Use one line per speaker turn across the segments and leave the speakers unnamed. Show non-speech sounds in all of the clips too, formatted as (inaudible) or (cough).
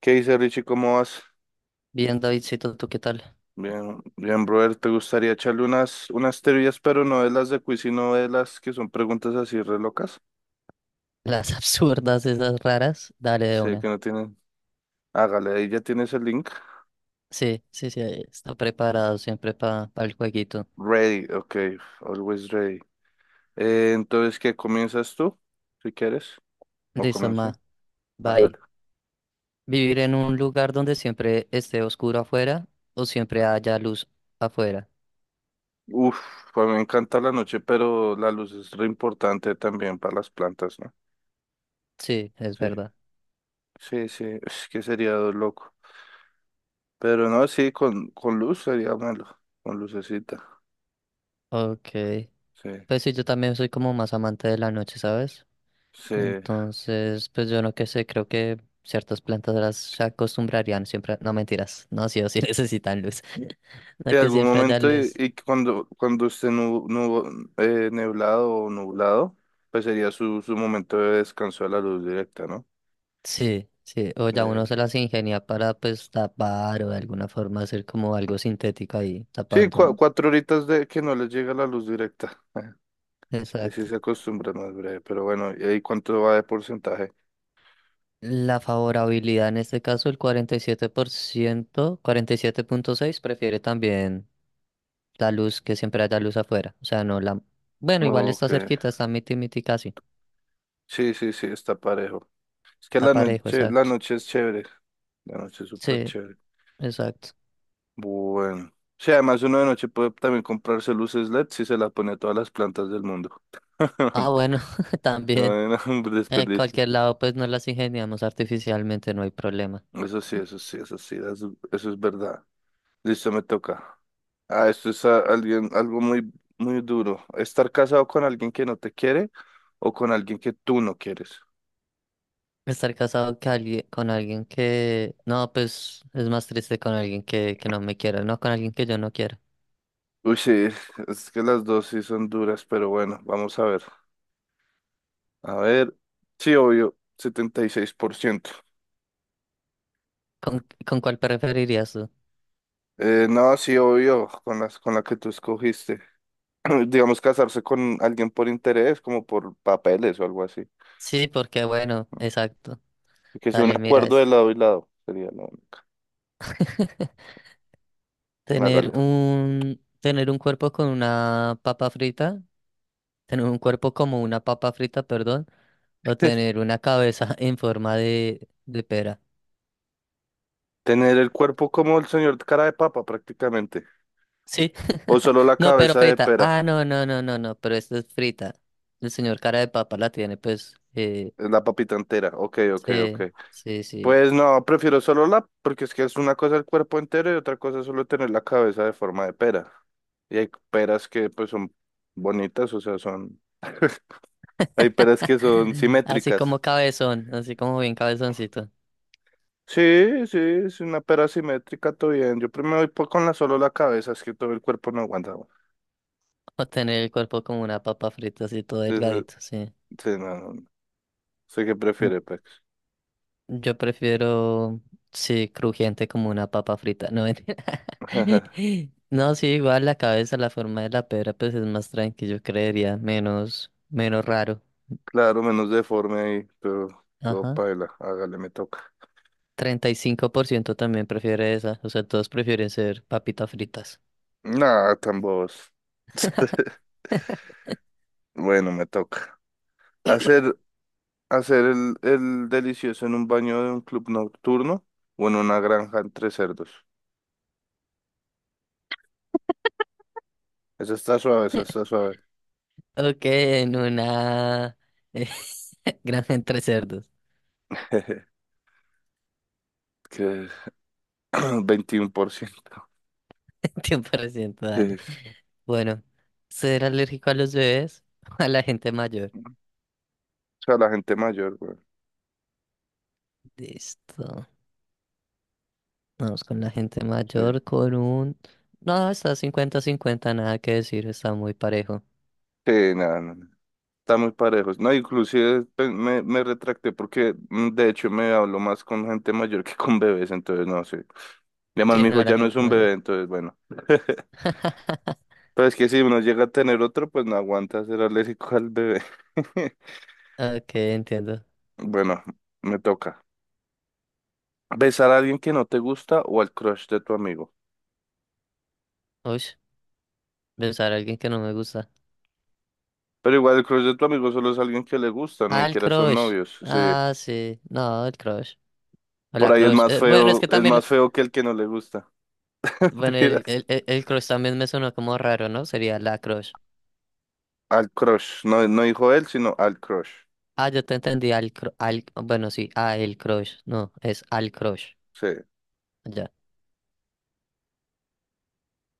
¿Qué dice Richie? ¿Cómo vas?
Bien, Davidcito, ¿tú qué tal?
Bien, bien, brother. ¿Te gustaría echarle unas teorías, pero no de las de quiz, sino de las que son preguntas así re locas?
Las (laughs) absurdas, esas raras, dale de
Sé que
una.
no tienen. Hágale, ahí ya tienes el link.
Sí, sí, sí, ahí está preparado siempre para el jueguito.
Ready, ok, always ready. Entonces, ¿qué comienzas tú? Si quieres, o
Listo, ma,
comienzo.
bye.
Hágale.
¿Vivir en un lugar donde siempre esté oscuro afuera o siempre haya luz afuera?
Uf, a mí me encanta la noche, pero la luz es re importante también para las plantas, ¿no?
Sí, es
Sí,
verdad.
sí, sí, es que sería loco. Pero no, sí, con luz sería malo, con lucecita.
Ok.
Sí,
Pues sí, yo también soy como más amante de la noche, ¿sabes?
sí.
Entonces, pues yo no qué sé, creo que ciertas plantas las se acostumbrarían siempre. No, mentiras, no, sí o sí (laughs) necesitan luz. (laughs)
Y
No que
algún
siempre haya
momento
luz.
y cuando esté neblado o nublado, pues sería su momento de descanso de la luz directa, ¿no?
Sí, sí, o ya
Eh,
uno se las ingenia para pues tapar o de alguna forma hacer como algo sintético ahí
sí,
tapando, ¿no?
cuatro horitas de que no les llega la luz directa. Ahí sí
Exacto.
se acostumbra más breve, pero bueno, ¿y ahí cuánto va de porcentaje?
La favorabilidad en este caso, el 47%, 47,6 prefiere también la luz, que siempre haya luz afuera. O sea, no la... Bueno, igual está
Ok,
cerquita, está miti miti casi.
sí, sí, sí, está parejo. Es que
Está parejo,
la
exacto.
noche es chévere, la noche es súper
Sí,
chévere.
exacto.
Bueno. Sí, además uno de noche puede también comprarse luces LED si se las pone a todas las plantas del mundo.
Ah,
(laughs)
bueno, (laughs)
No
también.
hay ningún (laughs)
En
desperdicio.
cualquier lado pues nos las ingeniamos artificialmente, no hay problema.
Eso sí, eso sí, eso sí, eso es verdad. Listo, me toca. Ah, esto es alguien, algo muy, muy duro. Estar casado con alguien que no te quiere o con alguien que tú no quieres.
Estar casado con alguien que... No, pues es más triste con alguien que no me quiera, no con alguien que yo no quiera.
Uy, sí, (laughs) es que las dos sí son duras, pero bueno, vamos a ver. A ver, sí, obvio, 76%.
¿Con cuál preferirías tú?
No, sí, obvio, con las, con la que tú escogiste. (clears throat) digamos, casarse con alguien por interés, como por papeles o algo así.
Sí, porque bueno, exacto.
Y que sea un
Dale, mira
acuerdo de
esto.
lado y lado, sería lo
Tener
hágale.
un, tener un cuerpo con una papa frita, tener un cuerpo como una papa frita, perdón, o tener
(laughs)
una cabeza (laughs) en forma de pera.
Tener el cuerpo como el señor cara de papa, prácticamente.
Sí.
O
(laughs)
solo la
No, pero
cabeza de
frita.
pera,
Ah, no, no, no, no, no, pero esta es frita. El señor cara de papa la tiene, pues,
la papita entera. Ok, ok, ok.
Sí, sí, sí.
Pues no, prefiero solo la, porque es que es una cosa el cuerpo entero y otra cosa es solo tener la cabeza de forma de pera. Y hay peras que pues son bonitas, o sea, son... Hay
(clears throat)
peras que son
(laughs) Así
simétricas.
como cabezón, así como bien cabezoncito.
Sí, sí, es una pera simétrica, todo bien. Yo primero voy con la solo la cabeza, es que todo el cuerpo no aguanta, güey.
O tener el cuerpo como una papa frita, así todo
Sí, sí,
delgadito, sí.
sí, no, no, no. Sé que
Mm,
prefiere, Pex.
Yo prefiero, sí, crujiente como una papa frita, no mentira.
(laughs)
(laughs) No, sí, igual la cabeza, la forma de la pera, pues es más tranquilo, yo creería, menos, menos raro.
Claro, menos deforme ahí, pero todo
Ajá.
paila. Hágale, me toca.
35% también prefiere esa, o sea, todos prefieren ser papitas fritas.
Nah, tan bobos. (laughs) Bueno, me toca. Hacer, hacer el delicioso en un baño de un club nocturno o en una granja entre cerdos. Esa está suave, esa
(laughs)
está suave.
Ok, en una eh, (laughs) granja entre cerdos.
(laughs) Que (clears throat) 21%.
(laughs) Tiempo reciente,
Sí.
dale. Bueno, ¿ser alérgico a los bebés (laughs) o a la gente mayor?
Sea, la gente mayor, güey.
Listo. Vamos con la gente
Sí.
mayor con un... No, está cincuenta-cincuenta nada que decir, está muy parejo.
Sí, nada, no, no, está muy parejos. No, inclusive me, me retracté porque de hecho me hablo más con gente mayor que con bebés, entonces no sé. Y además
Sí,
mi hijo
no, la
ya no es
gente
un
mayor.
bebé, entonces bueno.
(laughs)
Pero es que si uno llega a tener otro, pues no aguanta ser alérgico al bebé. (laughs)
Ok, entiendo.
Bueno, me toca. ¿Besar a alguien que no te gusta o al crush de tu amigo?
Uy, pensar a alguien que no me gusta.
Pero igual el crush de tu amigo solo es alguien que le gusta, ni
Ah, el
siquiera son
crush.
novios. Sí.
Ah, sí. No, el crush. O
Por
la
ahí
crush. Bueno, es que
es
también...
más feo que el que no le gusta. (laughs)
Bueno, el,
Mentiras.
el, el- el crush también me sonó como raro, ¿no? Sería la crush.
Al crush, no, no dijo él, sino al crush.
Ah, yo te entendí al bueno, sí, a el crush. No, es al crush.
Sí.
Ya,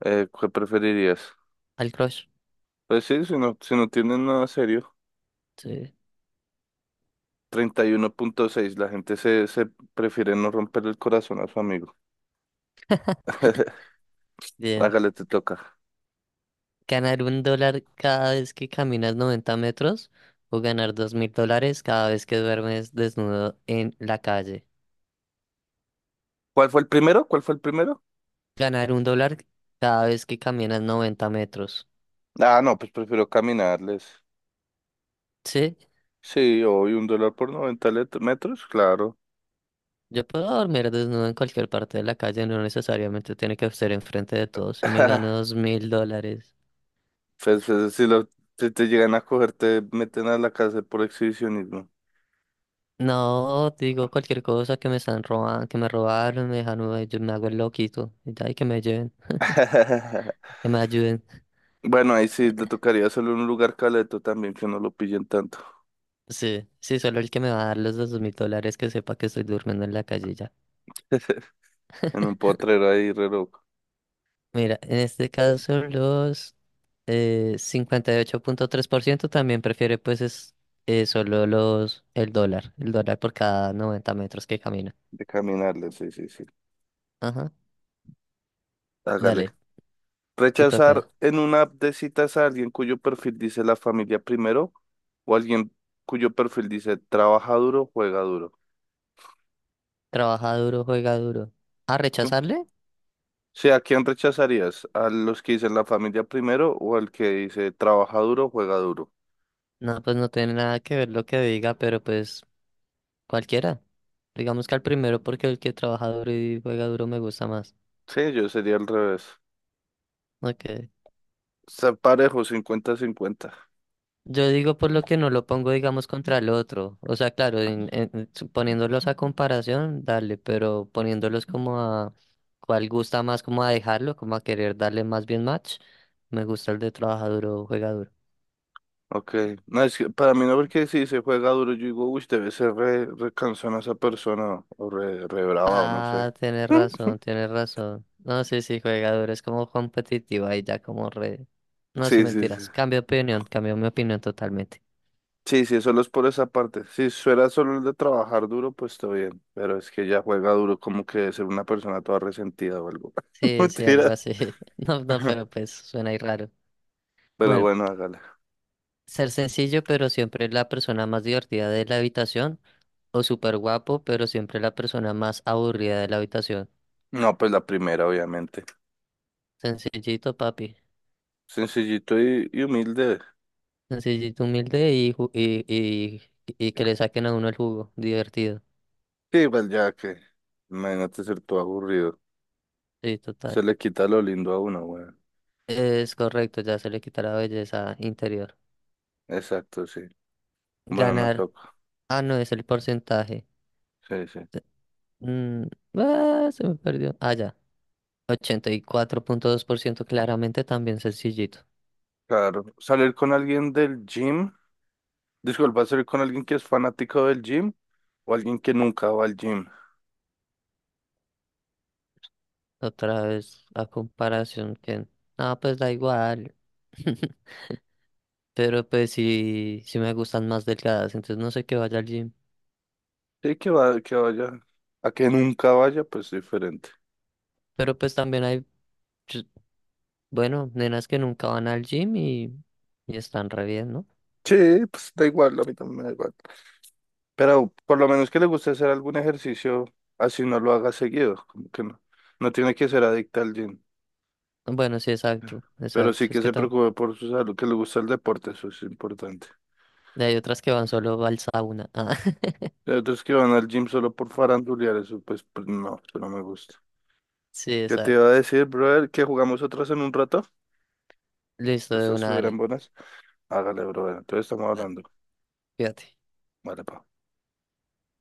¿Qué preferirías?
al crush.
Pues sí, si no, si no tienen nada serio.
Sí,
31.6, la gente se, se prefiere no romper el corazón a su amigo. (laughs)
bien.
Hágale, te toca.
¿Ganar 1 dólar cada vez que caminas 90 metros o ganar 2.000 dólares cada vez que duermes desnudo en la calle?
¿Cuál fue el primero? ¿Cuál fue el primero?
Ganar un dólar cada vez que caminas 90 metros.
Ah, no, pues prefiero caminarles.
Sí,
Sí, hoy un dólar por 90 metros, claro.
yo puedo dormir desnudo en cualquier parte de la calle, no necesariamente tiene que ser enfrente de todos y me gano
(laughs)
2.000 dólares.
Pues, si, lo, si te llegan a coger, te meten a la cárcel por exhibicionismo.
No, digo cualquier cosa que me están robando, que me robaron, me dejaron, yo me hago el loquito. Y ya, y que me lleven,
(laughs)
que me ayuden.
Bueno, ahí sí le tocaría solo un lugar caleto también que no lo pillen tanto.
Sí, sí, solo el que me va a dar los 2.000 dólares que sepa que estoy durmiendo en la calle ya.
(laughs) En un potrero ahí, re loco,
Mira, en este caso los 58,3% también prefiere pues es solo los el dólar por cada 90 metros que camina.
de caminarle, sí, sí, sí.
Ajá,
Hágale.
dale, te toca.
Rechazar en una app de citas a alguien cuyo perfil dice la familia primero o alguien cuyo perfil dice trabaja duro, juega duro.
Trabaja duro, juega duro. ¿A
¿Sí?
rechazarle?
Sí, ¿a quién rechazarías? ¿A los que dicen la familia primero o al que dice trabaja duro, juega duro?
No, pues no tiene nada que ver lo que diga, pero pues cualquiera. Digamos que al primero porque el que trabaja duro y juega duro me gusta más.
Sí, yo sería al revés.
Okay.
Está parejo, 50-50.
Yo digo por lo que no lo pongo, digamos, contra el otro. O sea, claro, poniéndolos a comparación, dale, pero poniéndolos como a cuál gusta más, como a dejarlo, como a querer darle más bien match, me gusta el de trabaja duro, juega duro.
Ok, no, es que para mí no, porque si se juega duro, yo digo, uy, debe ser re cansona esa persona, o re brava, o no sé.
Ah, tienes razón,
(laughs)
tienes razón. No, sí, sí, juega duro, es como competitivo ahí ya como re... No, sí,
Sí, sí, sí.
mentiras. Cambio de opinión, cambio mi opinión totalmente.
Sí, sí, solo es por esa parte. Si fuera solo el de trabajar duro, pues está bien. Pero es que ya juega duro, como que debe ser una persona toda resentida o algo. (laughs)
Sí, sí, algo
Mentira.
así. (laughs) No, no,
(laughs)
pero pues suena ahí raro.
Pero
Bueno,
bueno, hágale.
ser sencillo, pero siempre la persona más divertida de la habitación. O súper guapo, pero siempre la persona más aburrida de la habitación.
No, pues la primera, obviamente.
Sencillito, papi.
Sencillito y humilde.
Sencillito, humilde y que le saquen a uno el jugo. Divertido.
Sí, igual ya que. Imagínate ser todo aburrido.
Sí,
Se
total.
le quita lo lindo a uno, weón.
Es correcto, ya se le quita la belleza interior.
Exacto, sí. Bueno, me
Ganar.
toca.
Ah, no, es el porcentaje.
Sí, sí.
Mm, ah, se me perdió. Ah, ya. 84,2% claramente también sencillito.
Claro, salir con alguien del gym. Disculpa, salir con alguien que es fanático del gym o alguien que nunca va al gym.
Otra vez a comparación que, ah, pues da igual. (laughs) Pero pues sí, sí me gustan más delgadas, entonces no sé qué vaya al gym.
Sí, que va, que vaya. A que nunca vaya, pues diferente.
Pero pues también hay, ch- bueno, nenas que nunca van al gym y están re bien, ¿no?
Sí, pues da igual, a mí también me da igual. Pero por lo menos que le guste hacer algún ejercicio, así no lo haga seguido. Como que no, no tiene que ser adicta al gym.
Bueno, sí, exacto,
Pero
exacto.
sí
Es
que
que
se
también
preocupe por su salud, que le gusta el deporte, eso es importante.
hay otras que van solo al sauna. Ah, (laughs)
Hay otros que van al gym solo por farandulear, eso pues, pues no, eso no me gusta.
sí,
Yo te iba a
exacto.
decir, brother, que jugamos otras en un rato,
Listo,
que
de
estas
una,
estuvieran
dale.
buenas. Hágale, brother. Entonces estamos
Va,
hablando.
fíjate.
Vale, pa.